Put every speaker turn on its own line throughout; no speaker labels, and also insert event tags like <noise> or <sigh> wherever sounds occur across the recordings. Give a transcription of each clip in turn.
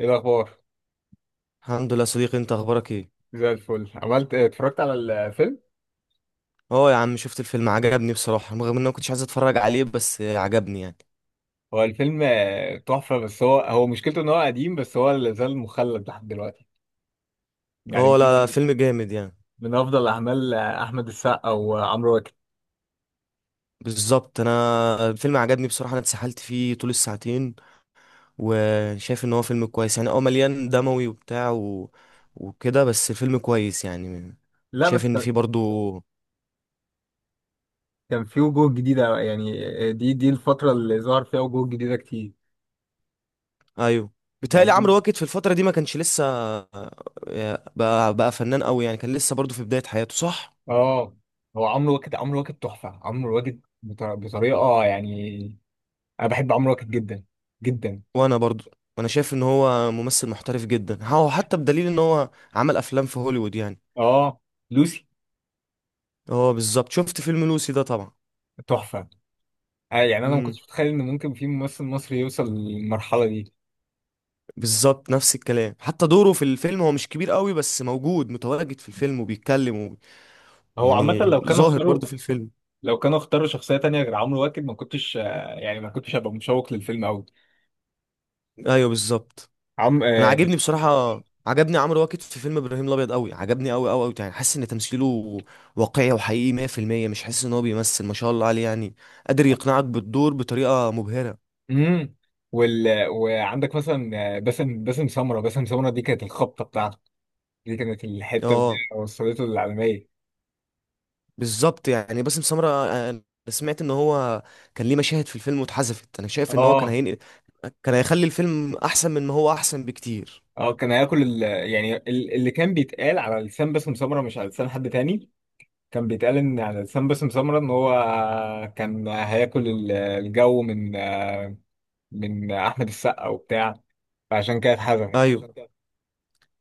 ايه الاخبار
الحمد لله يا صديقي، انت اخبارك ايه؟
زي الفل عملت إيه؟ اتفرجت على الفيلم.
اه يا عم شفت الفيلم، عجبني بصراحة رغم ان انا ما كنتش عايز اتفرج عليه، بس عجبني يعني.
هو الفيلم تحفه، بس هو مشكلته ان هو قديم، بس هو اللي زال مخلد لحد دلوقتي يعني
اه،
من
لا لا، فيلم جامد يعني.
من افضل اعمال احمد السقا وعمرو واكد.
بالظبط، انا الفيلم عجبني بصراحة، انا اتسحلت فيه طول الساعتين وشايف ان هو فيلم كويس يعني، اه مليان دموي وبتاع وكده، بس الفيلم كويس يعني.
لا
شايف
بس
ان
كان
فيه برضو.
كان في وجوه جديده، يعني دي الفتره اللي ظهر فيها وجوه جديده كتير
ايوه، بيتهيألي
يعني.
عمرو واكد في الفترة دي ما كانش لسه بقى فنان قوي يعني، كان لسه برضو في بداية حياته، صح.
اه، هو عمرو واكد تحفه. عمرو واكد بطريقه يعني انا بحب عمرو واكد جدا جدا.
وانا برضو، انا شايف ان هو ممثل محترف جدا، هو حتى بدليل ان هو عمل افلام في هوليوود يعني.
اه لوسي
هو بالظبط شفت فيلم لوسي ده طبعا.
تحفه يعني انا ما
امم
كنتش متخيل ان ممكن في ممثل مصري يوصل للمرحله دي.
بالظبط نفس الكلام، حتى دوره في الفيلم هو مش كبير قوي بس موجود، متواجد في الفيلم وبيتكلم
هو عامه
يعني
لو كانوا
ظاهر
اختاروا،
برضو في الفيلم.
لو كانوا اختاروا شخصيه تانية غير عمرو واكد ما كنتش يعني ما كنتش هبقى مشوق للفيلم قوي.
ايوه بالظبط.
عم
انا
آه،
عاجبني بصراحة، عجبني عمرو واكد في فيلم ابراهيم الابيض قوي، عجبني قوي قوي قوي يعني، حاسس ان تمثيله واقعي وحقيقي 100%، مش حاسس ان هو بيمثل، ما شاء الله عليه يعني، قادر يقنعك بالدور بطريقة مبهرة.
امم وال... وعندك مثلا باسم سمره. باسم سمره دي كانت الخبطه بتاعته. دي كانت الحته اللي
اه
هي وصلته للعالميه.
بالظبط، يعني باسم سمرة، انا سمعت ان هو كان ليه مشاهد في الفيلم واتحذفت. انا شايف ان هو
اه
كان هيخلي الفيلم احسن، من ما هو احسن بكتير.
اه، كان هياكل ال... يعني اللي كان بيتقال على لسان باسم سمره مش على لسان حد تاني. كان بيتقال ان على لسان باسم سمرة ان هو كان هياكل الجو من احمد السقا وبتاع، فعشان كده اتحذفت.
ايوه.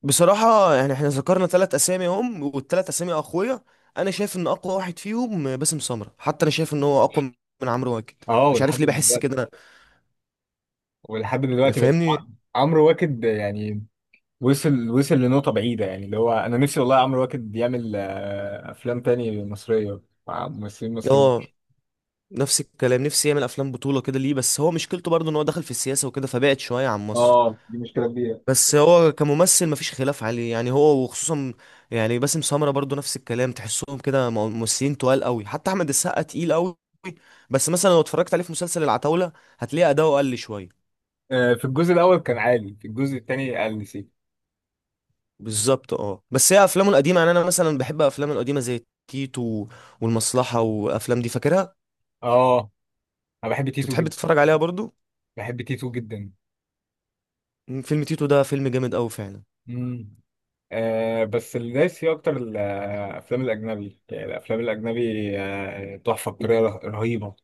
بصراحة يعني احنا ذكرنا ثلاث اسامي هم، والثلاث اسامي اقوياء. انا شايف ان اقوى واحد فيهم باسم سمرة، حتى انا شايف ان هو اقوى من عمرو واكد.
اه
مش
ولحد
عارف ليه بحس
دلوقتي،
كده.
ولحد دلوقتي بس
فاهمني.
عمرو واكد يعني وصل لنقطة بعيدة، يعني اللي هو انا نفسي والله عمرو واكد يعمل افلام تاني مصرية مع ممثلين مصريين.
اه، نفس الكلام، نفسي يعمل افلام بطولة كده، ليه بس هو مشكلته برضه ان هو دخل في السياسة وكده، فبعد شوية عن مصر.
اه دي مشكلة كبيرة.
بس هو كممثل مفيش خلاف عليه يعني، هو وخصوصا يعني باسم سمرة برضو نفس الكلام، تحسهم كده ممثلين تقال قوي، حتى احمد السقا تقيل قوي. بس مثلا لو اتفرجت عليه في مسلسل العتاولة هتلاقي اداؤه قل شوية.
في الجزء الاول كان عالي، في الجزء التاني قل سيكا.
بالظبط، اه، بس هي افلامه القديمة، يعني انا مثلا بحب افلامه القديمة زي تيتو والمصلحة، وافلام دي فاكرها.
اه انا بحب
انت
تيتو
بتحب
جدا.
تتفرج عليها برضو؟
بحب تيتو جدا.
فيلم تيتو ده فيلم جامد قوي فعلا.
مم. آه، بس اللي دايس فيه اكتر الافلام الاجنبي. يعني الافلام الاجنبي تحفه بطريقه رهيبه.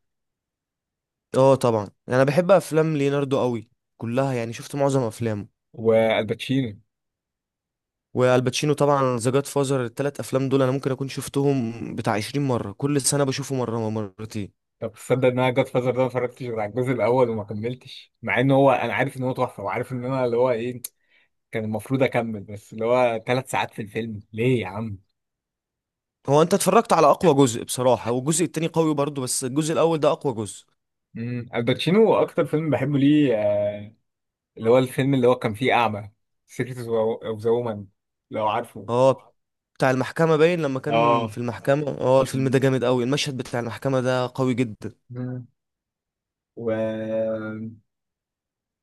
اه طبعا، يعني انا بحب افلام ليوناردو قوي كلها، يعني شفت معظم افلامه.
والباتشينو.
والباتشينو طبعا، ذا جاد فازر، التلات افلام دول انا ممكن اكون شفتهم بتاع 20 مره، كل سنه بشوفه مره أو مرتين.
طب تصدق ان انا جاد فازر ده ما اتفرجتش غير على الجزء الاول، وما كملتش مع ان هو، انا عارف ان هو تحفه، وعارف ان انا اللي هو ايه كان المفروض اكمل، بس اللي هو 3 ساعات في الفيلم ليه يا عم.
هو انت اتفرجت على اقوى جزء بصراحه، والجزء التاني قوي برضه، بس الجزء الاول ده اقوى جزء.
امم. الباتشينو اكتر فيلم بحبه ليه اللي هو الفيلم اللي هو كان فيه اعمى، سيكريت اوف ذا وومن، لو عارفه.
اه، بتاع المحكمه باين، لما كان
اه.
في المحكمه، اه الفيلم ده جامد قوي، المشهد بتاع المحكمه ده قوي جدا.
مم. و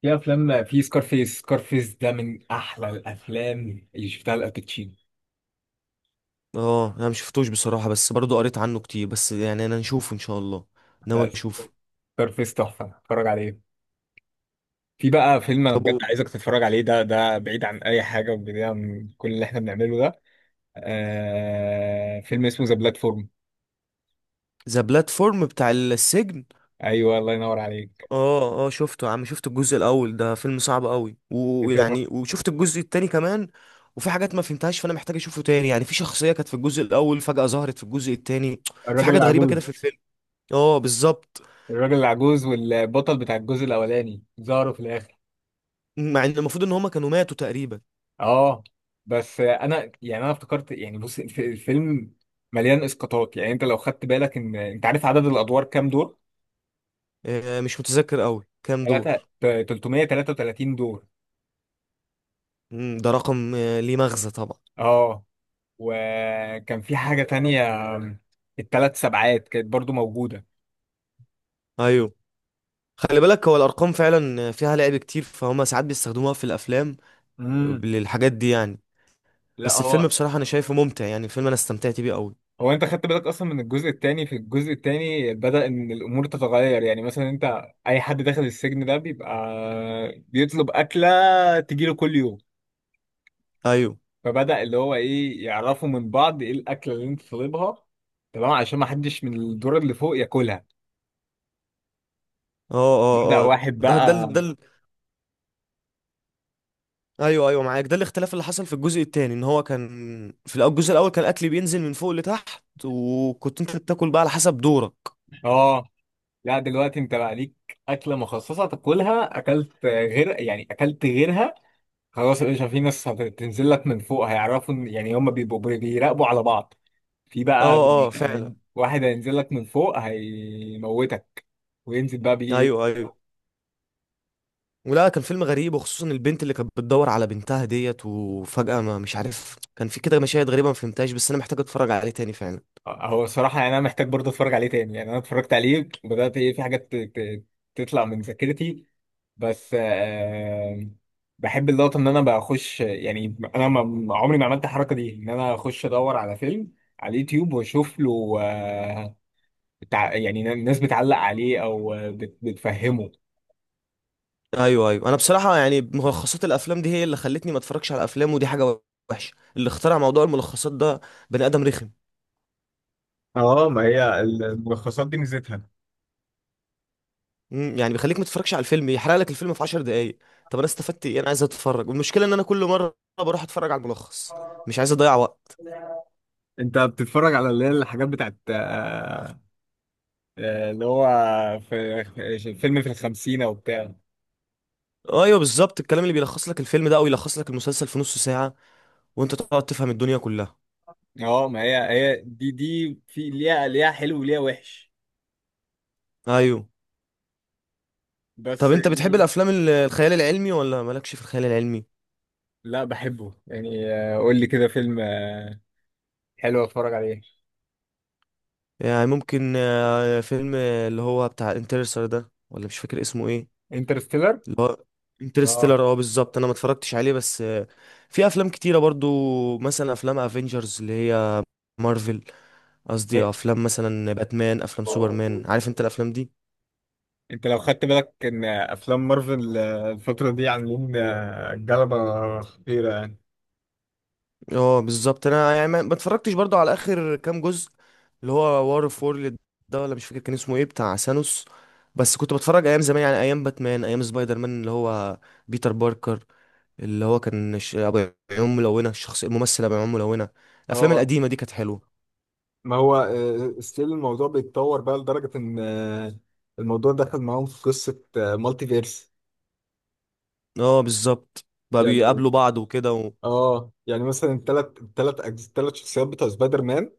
في افلام، في سكارفيس ده من احلى الافلام اللي شفتها لالباتشينو.
اه، انا مشفتوش بصراحه، بس برضه قريت عنه كتير، بس يعني انا نشوفه ان شاء الله،
لا،
ناوي اشوفه.
سكارفيس تحفه، اتفرج عليه. في بقى فيلم انا بجد
طب
عايزك تتفرج عليه، ده بعيد عن اي حاجه، وبعيد عن كل اللي احنا بنعمله ده. آه، فيلم اسمه ذا بلاتفورم.
ذا بلاتفورم بتاع السجن؟
ايوه، الله ينور عليك.
اه اه، شفته يا عم، شفت الجزء الاول، ده فيلم صعب قوي،
انت فاهم.
ويعني وشفت الجزء التاني كمان، وفي حاجات ما فهمتهاش، فانا محتاج اشوفه تاني يعني، في شخصية كانت في الجزء الاول فجأة ظهرت في الجزء التاني، في
الراجل
حاجات غريبة كده في
العجوز.
الفيلم. اه بالظبط،
الراجل العجوز والبطل بتاع الجزء الاولاني ظهروا في الاخر.
مع ان المفروض ان هما كانوا ماتوا تقريبا.
اه، بس انا يعني انا افتكرت يعني بص، الفيلم مليان اسقاطات. يعني انت لو خدت بالك، ان انت عارف عدد الادوار كام دور؟
مش متذكر قوي كام
ثلاثة،
دور.
333 دور.
ده رقم ليه مغزى طبعا.
اه، وكان في حاجة تانية، ال3 سبعات كانت برضو موجودة.
ايوه، خلي بالك، هو الارقام فعلا فيها لعب كتير، فهما ساعات بيستخدموها في الافلام
امم.
للحاجات دي يعني.
لا
بس الفيلم
هو،
بصراحة انا شايفه ممتع يعني، الفيلم انا استمتعت بيه قوي.
هو انت خدت بالك اصلا من الجزء الثاني؟ في الجزء الثاني بدأ ان الامور تتغير، يعني مثلا انت اي حد داخل السجن ده بيبقى بيطلب اكلة تجيله كل يوم.
ايوه.
فبدأ اللي هو ايه، يعرفوا من بعض ايه الاكله اللي انت طالبها، تمام، عشان ما حدش من الدور اللي فوق ياكلها.
اه اه.
بدأ
اه.
واحد
ده ده
بقى.
ال- ده ال- ايوه ايوه معاك، ده الاختلاف اللي حصل في الجزء التاني، ان هو كان الجزء الاول كان الاكل بينزل من فوق لتحت، وكنت انت بتاكل بقى على حسب دورك.
اه، لا دلوقتي انت بقى ليك اكله مخصصه تاكلها، اكلت غير يعني اكلت غيرها، خلاص يا باشا. في ناس هتنزل لك من فوق هيعرفوا يعني هم بيبقوا بيراقبوا على بعض. في
اه
بقى
اه فعلا.
واحد هينزل لك من فوق هيموتك وينزل بقى.
ايوه ايوه. ولا كان فيلم غريب، وخصوصا البنت اللي كانت بتدور على بنتها ديت، وفجأة ما مش عارف، كان في كده مشاهد غريبة ما فهمتهاش، بس انا محتاج اتفرج عليه تاني فعلا.
هو الصراحة يعني أنا محتاج برضه أتفرج عليه تاني، يعني أنا اتفرجت عليه بدأت إيه في حاجات تطلع من ذاكرتي، بس آه بحب اللقطة إن أنا بخش. يعني أنا عمري ما عملت الحركة دي، إن أنا أخش أدور على فيلم على اليوتيوب وأشوف له آه بتاع، يعني الناس بتعلق عليه أو بتفهمه.
ايوه ايوه. انا بصراحة يعني ملخصات الافلام دي هي اللي خلتني ما اتفرجش على افلام، ودي حاجة وحشة اللي اخترع موضوع الملخصات ده، بني ادم رخم.
اه، ما هي الملخصات دي ميزتها.
يعني بيخليك ما تتفرجش على الفيلم، يحرق لك الفيلم في 10 دقايق. طب انا استفدت ايه؟ انا عايز اتفرج، والمشكله ان انا كل مره بروح اتفرج على الملخص، مش عايز اضيع وقت.
أنت بتتفرج على اللي هي الحاجات بتاعت آه اللي هو، في في فيلم في الخمسينة وبتاع.
ايوه بالظبط، الكلام اللي بيلخص لك الفيلم ده او يلخص لك المسلسل في نص ساعه، وانت تقعد تفهم الدنيا كلها.
اه، ما هي هي دي في ليها، ليها حلو وليها وحش،
ايوه. طب
بس
انت بتحب
يعني.
الافلام الخيال العلمي ولا مالكش في الخيال العلمي؟
لا بحبه يعني. قول لي كده فيلم حلو اتفرج عليه.
يعني ممكن فيلم اللي هو بتاع انترستر ده، ولا مش فاكر اسمه ايه.
انترستيلر.
اللي هو
اه،
انترستيلر، اه بالظبط، انا ما اتفرجتش عليه بس في افلام كتيره برضو، مثلا افلام افنجرز اللي هي مارفل، قصدي افلام مثلا باتمان، افلام سوبرمان، عارف انت الافلام دي.
انت لو خدت بالك ان افلام مارفل الفترة دي عاملين جلبة خطيرة يعني.
اه بالظبط، انا يعني ما اتفرجتش برضو على اخر كام جزء، اللي هو وار اوف وورلد ده، ولا مش فاكر كان اسمه ايه، بتاع ثانوس. بس كنت بتفرج ايام زمان، يعني ايام باتمان، ايام سبايدر مان اللي هو بيتر باركر، اللي هو كان ابو عيون ملونه، الشخص الممثل ابو عيون ملونه. الافلام
اه،
القديمه دي كانت حلوه.
ما هو ستيل الموضوع بيتطور بقى لدرجة ان الموضوع دخل معاهم في قصة مالتي فيرس
اه بالظبط، بقى
يعني.
بيقابلوا بعض وكده
اه يعني مثلا الثلاث شخصيات بتوع سبايدر مان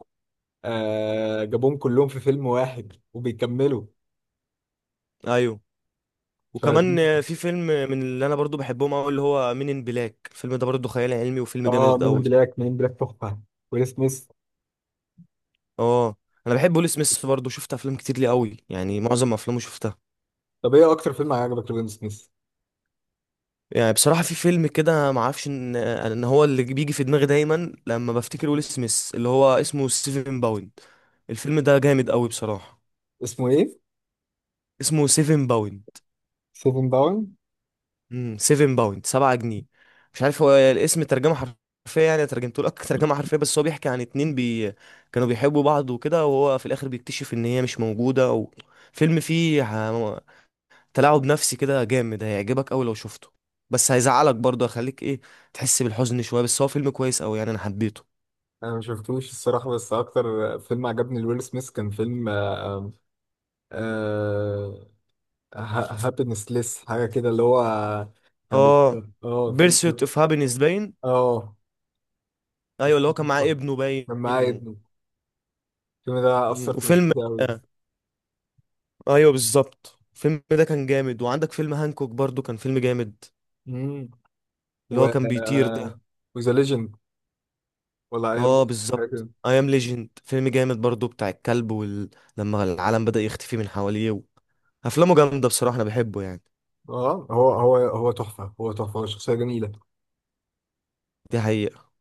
آه جابوهم كلهم في فيلم واحد وبيكملوا.
ايوه.
ف
وكمان في فيلم من اللي انا برضو بحبهم قوي، اللي هو مين ان بلاك، الفيلم ده برضو خيال علمي، وفيلم
اه،
جامد
مين إن
قوي.
بلاك. مين إن بلاك تحفه. ويل سميث.
اه، انا بحب ويل سميث برضو، شفت افلام كتير ليه قوي يعني، معظم افلامه شفتها.
طب ايه اكتر فيلم عجبك لويل سميث؟
يعني بصراحة في فيلم كده، ما اعرفش ان هو اللي بيجي في دماغي دايما لما بفتكر ويل سميث، اللي هو اسمه سيفن باوند، الفيلم ده جامد قوي بصراحة.
اسمه ايه؟
اسمه سيفن باوند.
سيفن داون.
7 باوند، 7 جنيه. مش عارف هو الاسم ترجمه حرفيه، يعني ترجمته لك <laughs> ترجمه حرفيه، بس هو بيحكي عن اتنين كانوا بيحبوا بعض وكده، وهو في الاخر بيكتشف ان هي مش موجوده فيلم فيه تلاعب نفسي كده جامد، هيعجبك قوي لو شفته، بس هيزعلك برضه، هيخليك ايه، تحس بالحزن شويه، بس هو فيلم كويس قوي يعني، انا حبيته.
انا ما شفتوش الصراحه، بس اكتر فيلم عجبني لويل سميث كان فيلم آه آه، هابينس ليس حاجه كده، اللي هو كان
اه،
اه
بيرسيوت
فيلم،
اوف هابينس باين.
اه،
ايوه، اللي هو كان معاه ابنه باين
كان معايا
و...
ابنه. الفيلم ده
مم.
أثر في نفسيتي أوي.
ايوه بالظبط، الفيلم ده كان جامد، وعندك فيلم هانكوك برضو كان فيلم جامد،
امم.
اللي
و
هو كان بيطير ده.
وذا ليجند، ولا أيام
اه
حاجة
بالظبط،
كده.
اي ام ليجند، فيلم جامد برضو بتاع الكلب لما العالم بدأ يختفي من حواليه افلامه جامده بصراحه، انا بحبه يعني.
اه، هو تحفة. هو تحفة. هو شخصية جميلة.
دي حقيقه.